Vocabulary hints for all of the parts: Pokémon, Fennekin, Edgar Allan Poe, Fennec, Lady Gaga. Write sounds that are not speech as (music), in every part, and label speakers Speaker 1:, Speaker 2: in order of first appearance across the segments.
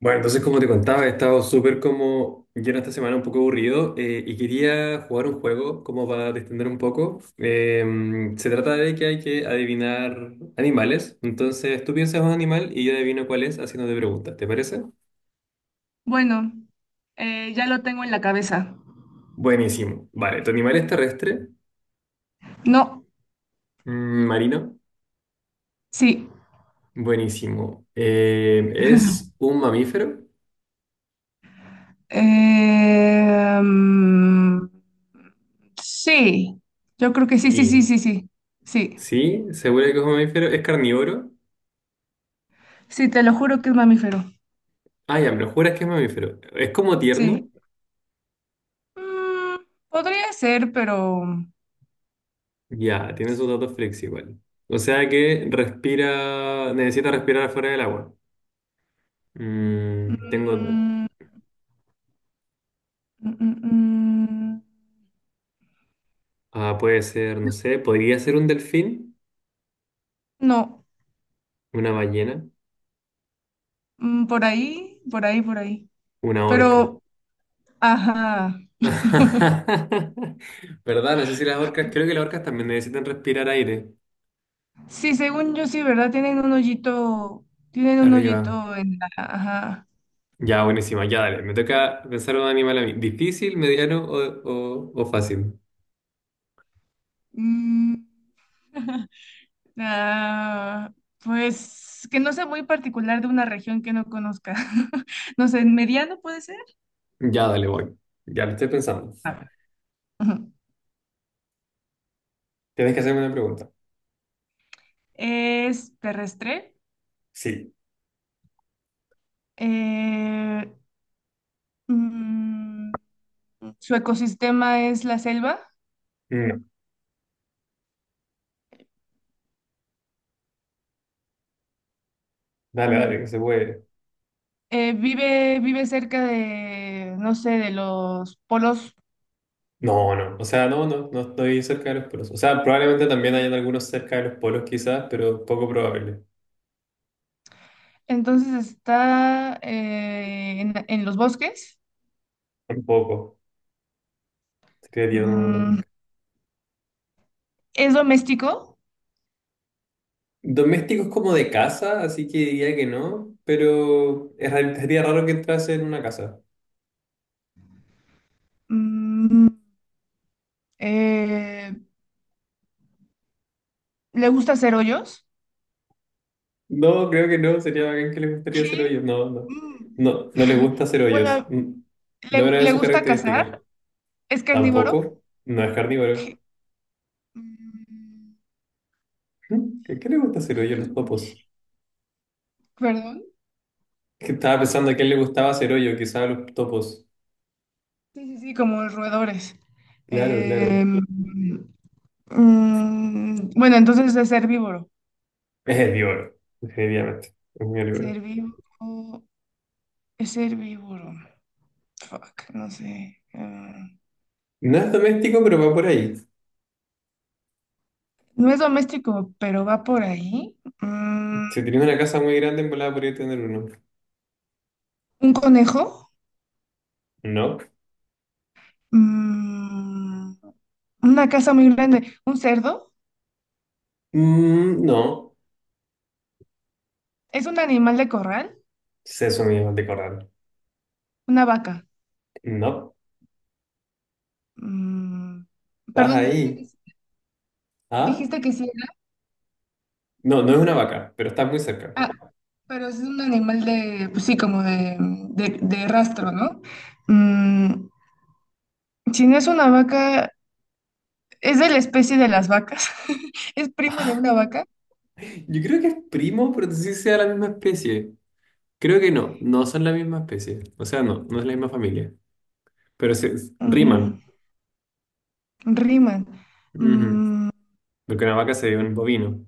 Speaker 1: Bueno, entonces como te contaba, he estado súper como lleno esta semana, un poco aburrido, y quería jugar un juego como para distender un poco. Se trata de que hay que adivinar animales, entonces tú piensas un animal y yo adivino cuál es haciéndote preguntas, ¿te parece?
Speaker 2: Bueno, ya lo tengo en la cabeza.
Speaker 1: Buenísimo. Vale, ¿tu animal es terrestre?
Speaker 2: No,
Speaker 1: ¿Marino?
Speaker 2: sí.
Speaker 1: Buenísimo. ¿Es un mamífero?
Speaker 2: Eh, mm, sí, yo creo que sí, sí, sí,
Speaker 1: Sí.
Speaker 2: sí, sí. Sí,
Speaker 1: ¿Sí? ¿Seguro que es un mamífero? ¿Es carnívoro?
Speaker 2: sí, te lo juro que es mamífero.
Speaker 1: Ah, ya, me lo juras que es mamífero. ¿Es como
Speaker 2: Sí.
Speaker 1: tierno?
Speaker 2: Mm, podría ser, pero...
Speaker 1: Ya, tiene sus datos flex igual. O sea que respira, necesita respirar afuera del agua. Mm, tengo,
Speaker 2: mm, mm, mm,
Speaker 1: puede ser, no sé, podría ser un delfín,
Speaker 2: no.
Speaker 1: una ballena,
Speaker 2: Mm, por ahí, por ahí, por ahí.
Speaker 1: una orca.
Speaker 2: Pero, ajá.
Speaker 1: (laughs) ¿Verdad? No sé si las orcas, creo que las orcas también necesitan respirar aire
Speaker 2: Sí, según yo sí, ¿verdad? Tienen un
Speaker 1: arriba.
Speaker 2: hoyito en la... Ajá.
Speaker 1: Ya, buenísima, ya dale. Me toca pensar un animal a mí. ¿Difícil, mediano o fácil?
Speaker 2: Mm, ah, pues que no sea muy particular de una región que no conozca. (laughs) No sé, mediano puede ser.
Speaker 1: Ya, dale, voy. Ya lo estoy pensando.
Speaker 2: A ver. Ujú.
Speaker 1: Tienes que hacerme una pregunta.
Speaker 2: Es terrestre.
Speaker 1: Sí.
Speaker 2: Eh, mm, su ecosistema es la selva.
Speaker 1: No. Dale, dale,
Speaker 2: Mm.
Speaker 1: que se puede.
Speaker 2: Vive cerca de, no sé, de los polos.
Speaker 1: No, no, o sea, no, no, no estoy cerca de los polos. O sea, probablemente también hayan algunos cerca de los polos quizás, pero poco probable.
Speaker 2: Entonces está en los bosques.
Speaker 1: Tampoco, creería, no, no.
Speaker 2: Mm, es doméstico.
Speaker 1: Domésticos como de casa, así que diría que no, pero sería raro que entrase en una casa.
Speaker 2: Mm, eh, ¿Le gusta hacer hoyos?
Speaker 1: No, creo que no, sería bacán que les gustaría hacer
Speaker 2: ¿Qué?
Speaker 1: hoyos. No, no,
Speaker 2: Mm.
Speaker 1: no, no les gusta
Speaker 2: (laughs)
Speaker 1: hacer hoyos.
Speaker 2: Bueno,
Speaker 1: Mm. No es una de
Speaker 2: ¿le
Speaker 1: sus
Speaker 2: gusta
Speaker 1: características.
Speaker 2: cazar? ¿Es carnívoro?
Speaker 1: Tampoco, no es carnívoro.
Speaker 2: ¿Qué?
Speaker 1: (laughs)
Speaker 2: Mm.
Speaker 1: Mm, ¿a qué le gusta hacer hoyo a los topos?
Speaker 2: ¿Perdón?
Speaker 1: Que estaba pensando a quién le gustaba hacer hoyo, quizás a los topos.
Speaker 2: Sí, sí, sí, como los roedores.
Speaker 1: Claro, claro.
Speaker 2: Em, bueno, entonces es herbívoro.
Speaker 1: Es herbívoro, definitivamente. Es muy
Speaker 2: Es
Speaker 1: herbívoro.
Speaker 2: herbívoro. Es herbívoro. Fuck, no sé. Ah,
Speaker 1: No es doméstico, pero va por ahí.
Speaker 2: no es doméstico, pero va por ahí.
Speaker 1: Si tienes una casa muy grande, en volada podría tener uno.
Speaker 2: ¿Un conejo?
Speaker 1: No.
Speaker 2: Mm, una casa muy grande. ¿Un cerdo?
Speaker 1: Mm, no.
Speaker 2: ¿Es un animal de corral?
Speaker 1: Seso mismo de corral.
Speaker 2: Una vaca.
Speaker 1: No.
Speaker 2: Mm,
Speaker 1: Estás
Speaker 2: perdón, dijiste que
Speaker 1: ahí.
Speaker 2: sí.
Speaker 1: ¿Ah?
Speaker 2: Dijiste que sí era,
Speaker 1: No, no es una vaca, pero estás muy cerca. (laughs)
Speaker 2: pero es un animal de, pues sí, como de, de rastro, ¿no? Mm, si no es una vaca, es de la especie de las vacas. (laughs) Es primo de
Speaker 1: Ah.
Speaker 2: una vaca.
Speaker 1: Yo creo que es primo, pero no sé si sea la misma especie. Creo que no, no son la misma especie. O sea, no, no es la misma familia. Pero se
Speaker 2: Mm,
Speaker 1: riman.
Speaker 2: riman.
Speaker 1: Ujú.
Speaker 2: Mm,
Speaker 1: Porque una vaca sería un bovino.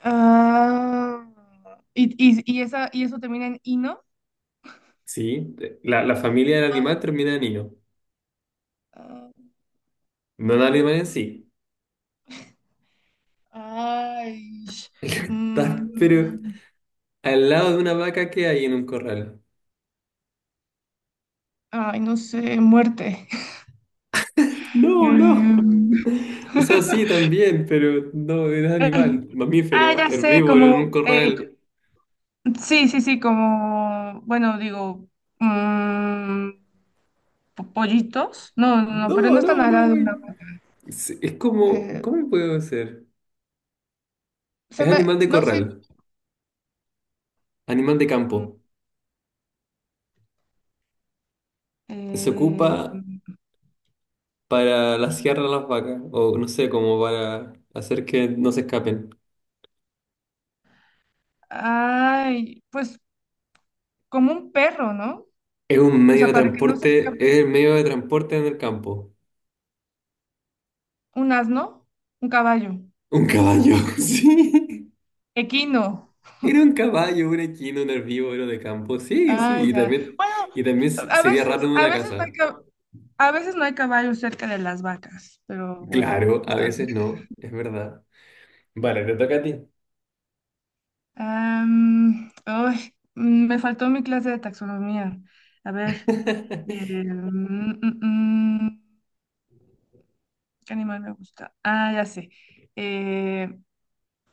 Speaker 2: ah, y esa, y eso termina en ino.
Speaker 1: Sí, la familia del
Speaker 2: Ah,
Speaker 1: animal termina en hilo.
Speaker 2: ah,
Speaker 1: No el animal en sí.
Speaker 2: ay,
Speaker 1: (laughs) Estás, pero
Speaker 2: mm,
Speaker 1: al lado de una vaca que hay en un corral.
Speaker 2: ay, no sé, muerte. (laughs)
Speaker 1: No, no.
Speaker 2: Mm.
Speaker 1: O sea, sí,
Speaker 2: (laughs)
Speaker 1: también, pero no, era animal,
Speaker 2: Ah,
Speaker 1: mamífero,
Speaker 2: ya sé,
Speaker 1: herbívoro en
Speaker 2: como,
Speaker 1: un
Speaker 2: eh,
Speaker 1: corral.
Speaker 2: sí, sí, sí, como, bueno, digo, mm, pollitos. No, no, no, pero
Speaker 1: No,
Speaker 2: no están
Speaker 1: no,
Speaker 2: al
Speaker 1: no,
Speaker 2: lado de
Speaker 1: güey.
Speaker 2: una.
Speaker 1: Es como,
Speaker 2: eh,
Speaker 1: ¿cómo puedo ser? Es
Speaker 2: se
Speaker 1: animal
Speaker 2: me,
Speaker 1: de
Speaker 2: no sé.
Speaker 1: corral, animal de
Speaker 2: mm,
Speaker 1: campo. Se
Speaker 2: eh,
Speaker 1: ocupa para la sierra a las vacas, o no sé, como para hacer que no se escapen.
Speaker 2: ay, pues como un perro, ¿no?
Speaker 1: Es un
Speaker 2: O
Speaker 1: medio
Speaker 2: sea,
Speaker 1: de
Speaker 2: para que no se
Speaker 1: transporte,
Speaker 2: escape
Speaker 1: es el medio de transporte en el campo.
Speaker 2: un asno, un caballo,
Speaker 1: Un caballo, (laughs) sí.
Speaker 2: equino.
Speaker 1: Era un caballo, un equino, un herbívoro de campo. Sí,
Speaker 2: Ah,
Speaker 1: sí. Y
Speaker 2: ya.
Speaker 1: también,
Speaker 2: Bueno,
Speaker 1: sería raro en
Speaker 2: a
Speaker 1: una
Speaker 2: veces no hay,
Speaker 1: casa.
Speaker 2: a veces no hay caballos cerca de las vacas, pero bueno,
Speaker 1: Claro, a
Speaker 2: está bien.
Speaker 1: veces no, es verdad. Vale, te toca a ti.
Speaker 2: Me faltó mi clase de taxonomía. A ver, eh,
Speaker 1: (laughs)
Speaker 2: mm, mm, mm, ¿qué animal me gusta? Ah, ya sé. Eh,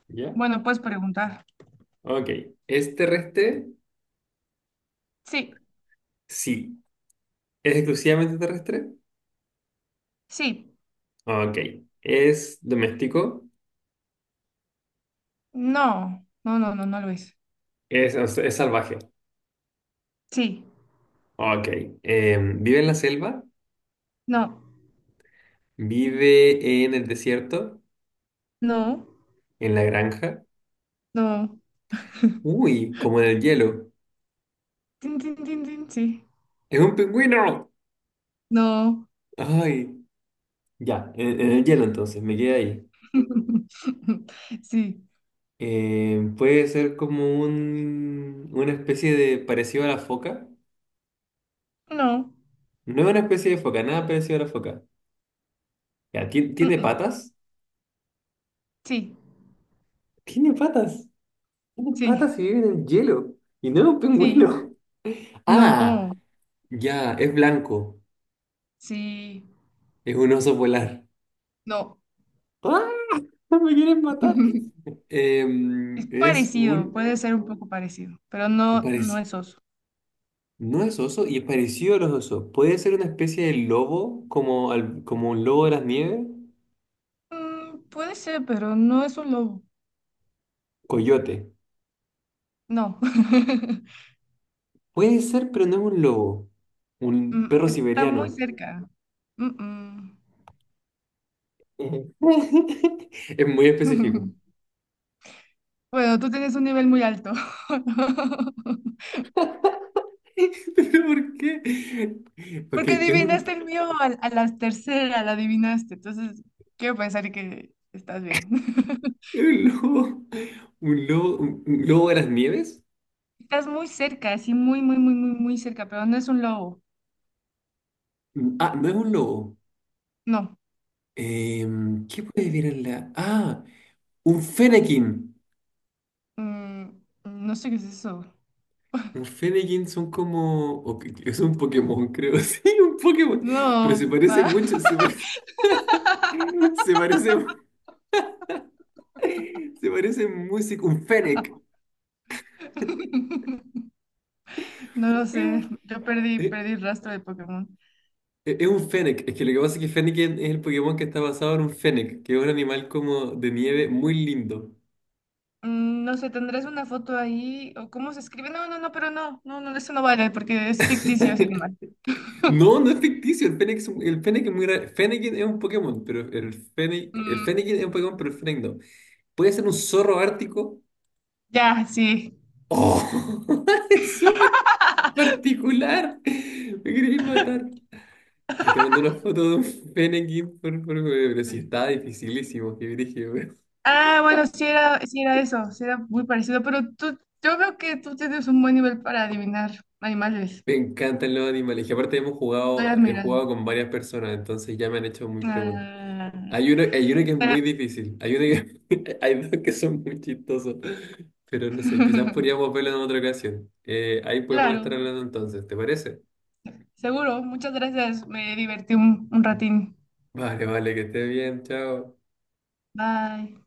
Speaker 1: ¿Ya?
Speaker 2: bueno, puedes preguntar.
Speaker 1: Ok. ¿Es terrestre?
Speaker 2: Sí,
Speaker 1: Sí. ¿Es exclusivamente terrestre?
Speaker 2: sí,
Speaker 1: Ok. ¿Es doméstico?
Speaker 2: no, no, no, no, no lo es.
Speaker 1: Es salvaje.
Speaker 2: Sí,
Speaker 1: Ok. ¿Vive en la selva?
Speaker 2: no,
Speaker 1: ¿Vive en el desierto?
Speaker 2: no,
Speaker 1: ¿En la granja?
Speaker 2: no.
Speaker 1: Uy, como en el hielo.
Speaker 2: Tin, tin, tin, tin, sí,
Speaker 1: ¡Es un pingüino!
Speaker 2: no.
Speaker 1: Ay, ya, en el hielo entonces, me quedé ahí.
Speaker 2: (laughs) Sí,
Speaker 1: Puede ser como una especie de parecido a la foca.
Speaker 2: no,
Speaker 1: No es una especie de foca, nada parecido a la foca. Ya,
Speaker 2: mm,
Speaker 1: ¿tiene
Speaker 2: mm,
Speaker 1: patas?
Speaker 2: sí,
Speaker 1: Tiene patas. Tiene
Speaker 2: sí,
Speaker 1: patas y vive en el hielo. Y no es un
Speaker 2: sí,
Speaker 1: pingüino. (laughs)
Speaker 2: no,
Speaker 1: Ah, ya, es blanco.
Speaker 2: sí,
Speaker 1: Es un oso polar.
Speaker 2: no.
Speaker 1: ¡Ah! ¡No! ¡Me quieren matar!
Speaker 2: (laughs) Es
Speaker 1: Em, es
Speaker 2: parecido,
Speaker 1: un
Speaker 2: puede ser un poco parecido, pero no, no
Speaker 1: parecido.
Speaker 2: es oso.
Speaker 1: No es oso y es parecido a los osos. Puede ser una especie de lobo, como un lobo de las nieves,
Speaker 2: Mm, puede ser, pero no es un lobo.
Speaker 1: coyote.
Speaker 2: No. (laughs)
Speaker 1: Puede ser, pero no es un lobo. Un
Speaker 2: Mm,
Speaker 1: perro
Speaker 2: está muy
Speaker 1: siberiano.
Speaker 2: cerca. Mm, mm.
Speaker 1: Ujú. (laughs) Es muy específico.
Speaker 2: (laughs) Bueno, tú tienes un nivel muy alto. (laughs)
Speaker 1: (laughs) ¿Pero por qué? Ok,
Speaker 2: Porque adivinaste el mío a las terceras, la adivinaste. Entonces, quiero pensar que estás bien. (laughs)
Speaker 1: es un lobo. ¿Un lobo, un lobo de las nieves?
Speaker 2: Estás muy cerca, así muy, muy, muy, muy, muy cerca, pero no es un lobo.
Speaker 1: Ah, no es un lobo.
Speaker 2: No.
Speaker 1: Em, ¿qué puede ver en la...? Ah, un fenequín.
Speaker 2: Mm, no sé qué es eso.
Speaker 1: Un Fennekin son como... es un Pokémon, creo. (laughs) Sí, un Pokémon. Pero
Speaker 2: No,
Speaker 1: se parece
Speaker 2: va.
Speaker 1: mucho. Se parece... (laughs) Se parece... Se parece músico. Un Fennec.
Speaker 2: (laughs) No lo
Speaker 1: Es
Speaker 2: sé.
Speaker 1: un... Es
Speaker 2: Perdí el rastro de Pokémon.
Speaker 1: es un Fennec. Es que lo que pasa es que Fennekin es el Pokémon que está basado en un Fennec, que es un animal como de nieve muy lindo.
Speaker 2: Mm, no sé, ¿tendrás una foto ahí? ¿O cómo se escribe? No, no, no, pero no. No, no, eso no vale porque es ficticio ese
Speaker 1: (laughs)
Speaker 2: animal.
Speaker 1: No, no es ficticio. El Fennec es muy raro. Fennekin es un Pokémon, pero el Fennec... El
Speaker 2: Mm,
Speaker 1: Fennekin es un Pokémon, pero el Fennec no. Puede ser un zorro ártico.
Speaker 2: ya, sí.
Speaker 1: ¡Oh! (laughs) Es súper particular. Me queréis matar. Ahí te mando una foto de un pene aquí pero sí está dificilísimo, qué brígido, weón.
Speaker 2: Ah, bueno, sí era eso, sí era muy parecido, pero tú, yo veo que tú tienes un buen nivel para adivinar animales.
Speaker 1: Me encantan los animales. Y aparte hemos
Speaker 2: Estoy
Speaker 1: jugado, he
Speaker 2: admirada.
Speaker 1: jugado con varias personas, entonces ya me han hecho muy preguntas.
Speaker 2: Ah,
Speaker 1: Hay uno que es
Speaker 2: pero-
Speaker 1: muy difícil. (laughs) Hay dos que son muy chistosos. Pero no sé, quizás
Speaker 2: (laughs)
Speaker 1: podríamos verlo en otra ocasión. Ahí podemos
Speaker 2: claro,
Speaker 1: estar hablando entonces, ¿te parece?
Speaker 2: seguro. Muchas gracias. Me divertí un ratín.
Speaker 1: Vale, vale, que estés bien, chao.
Speaker 2: Bye.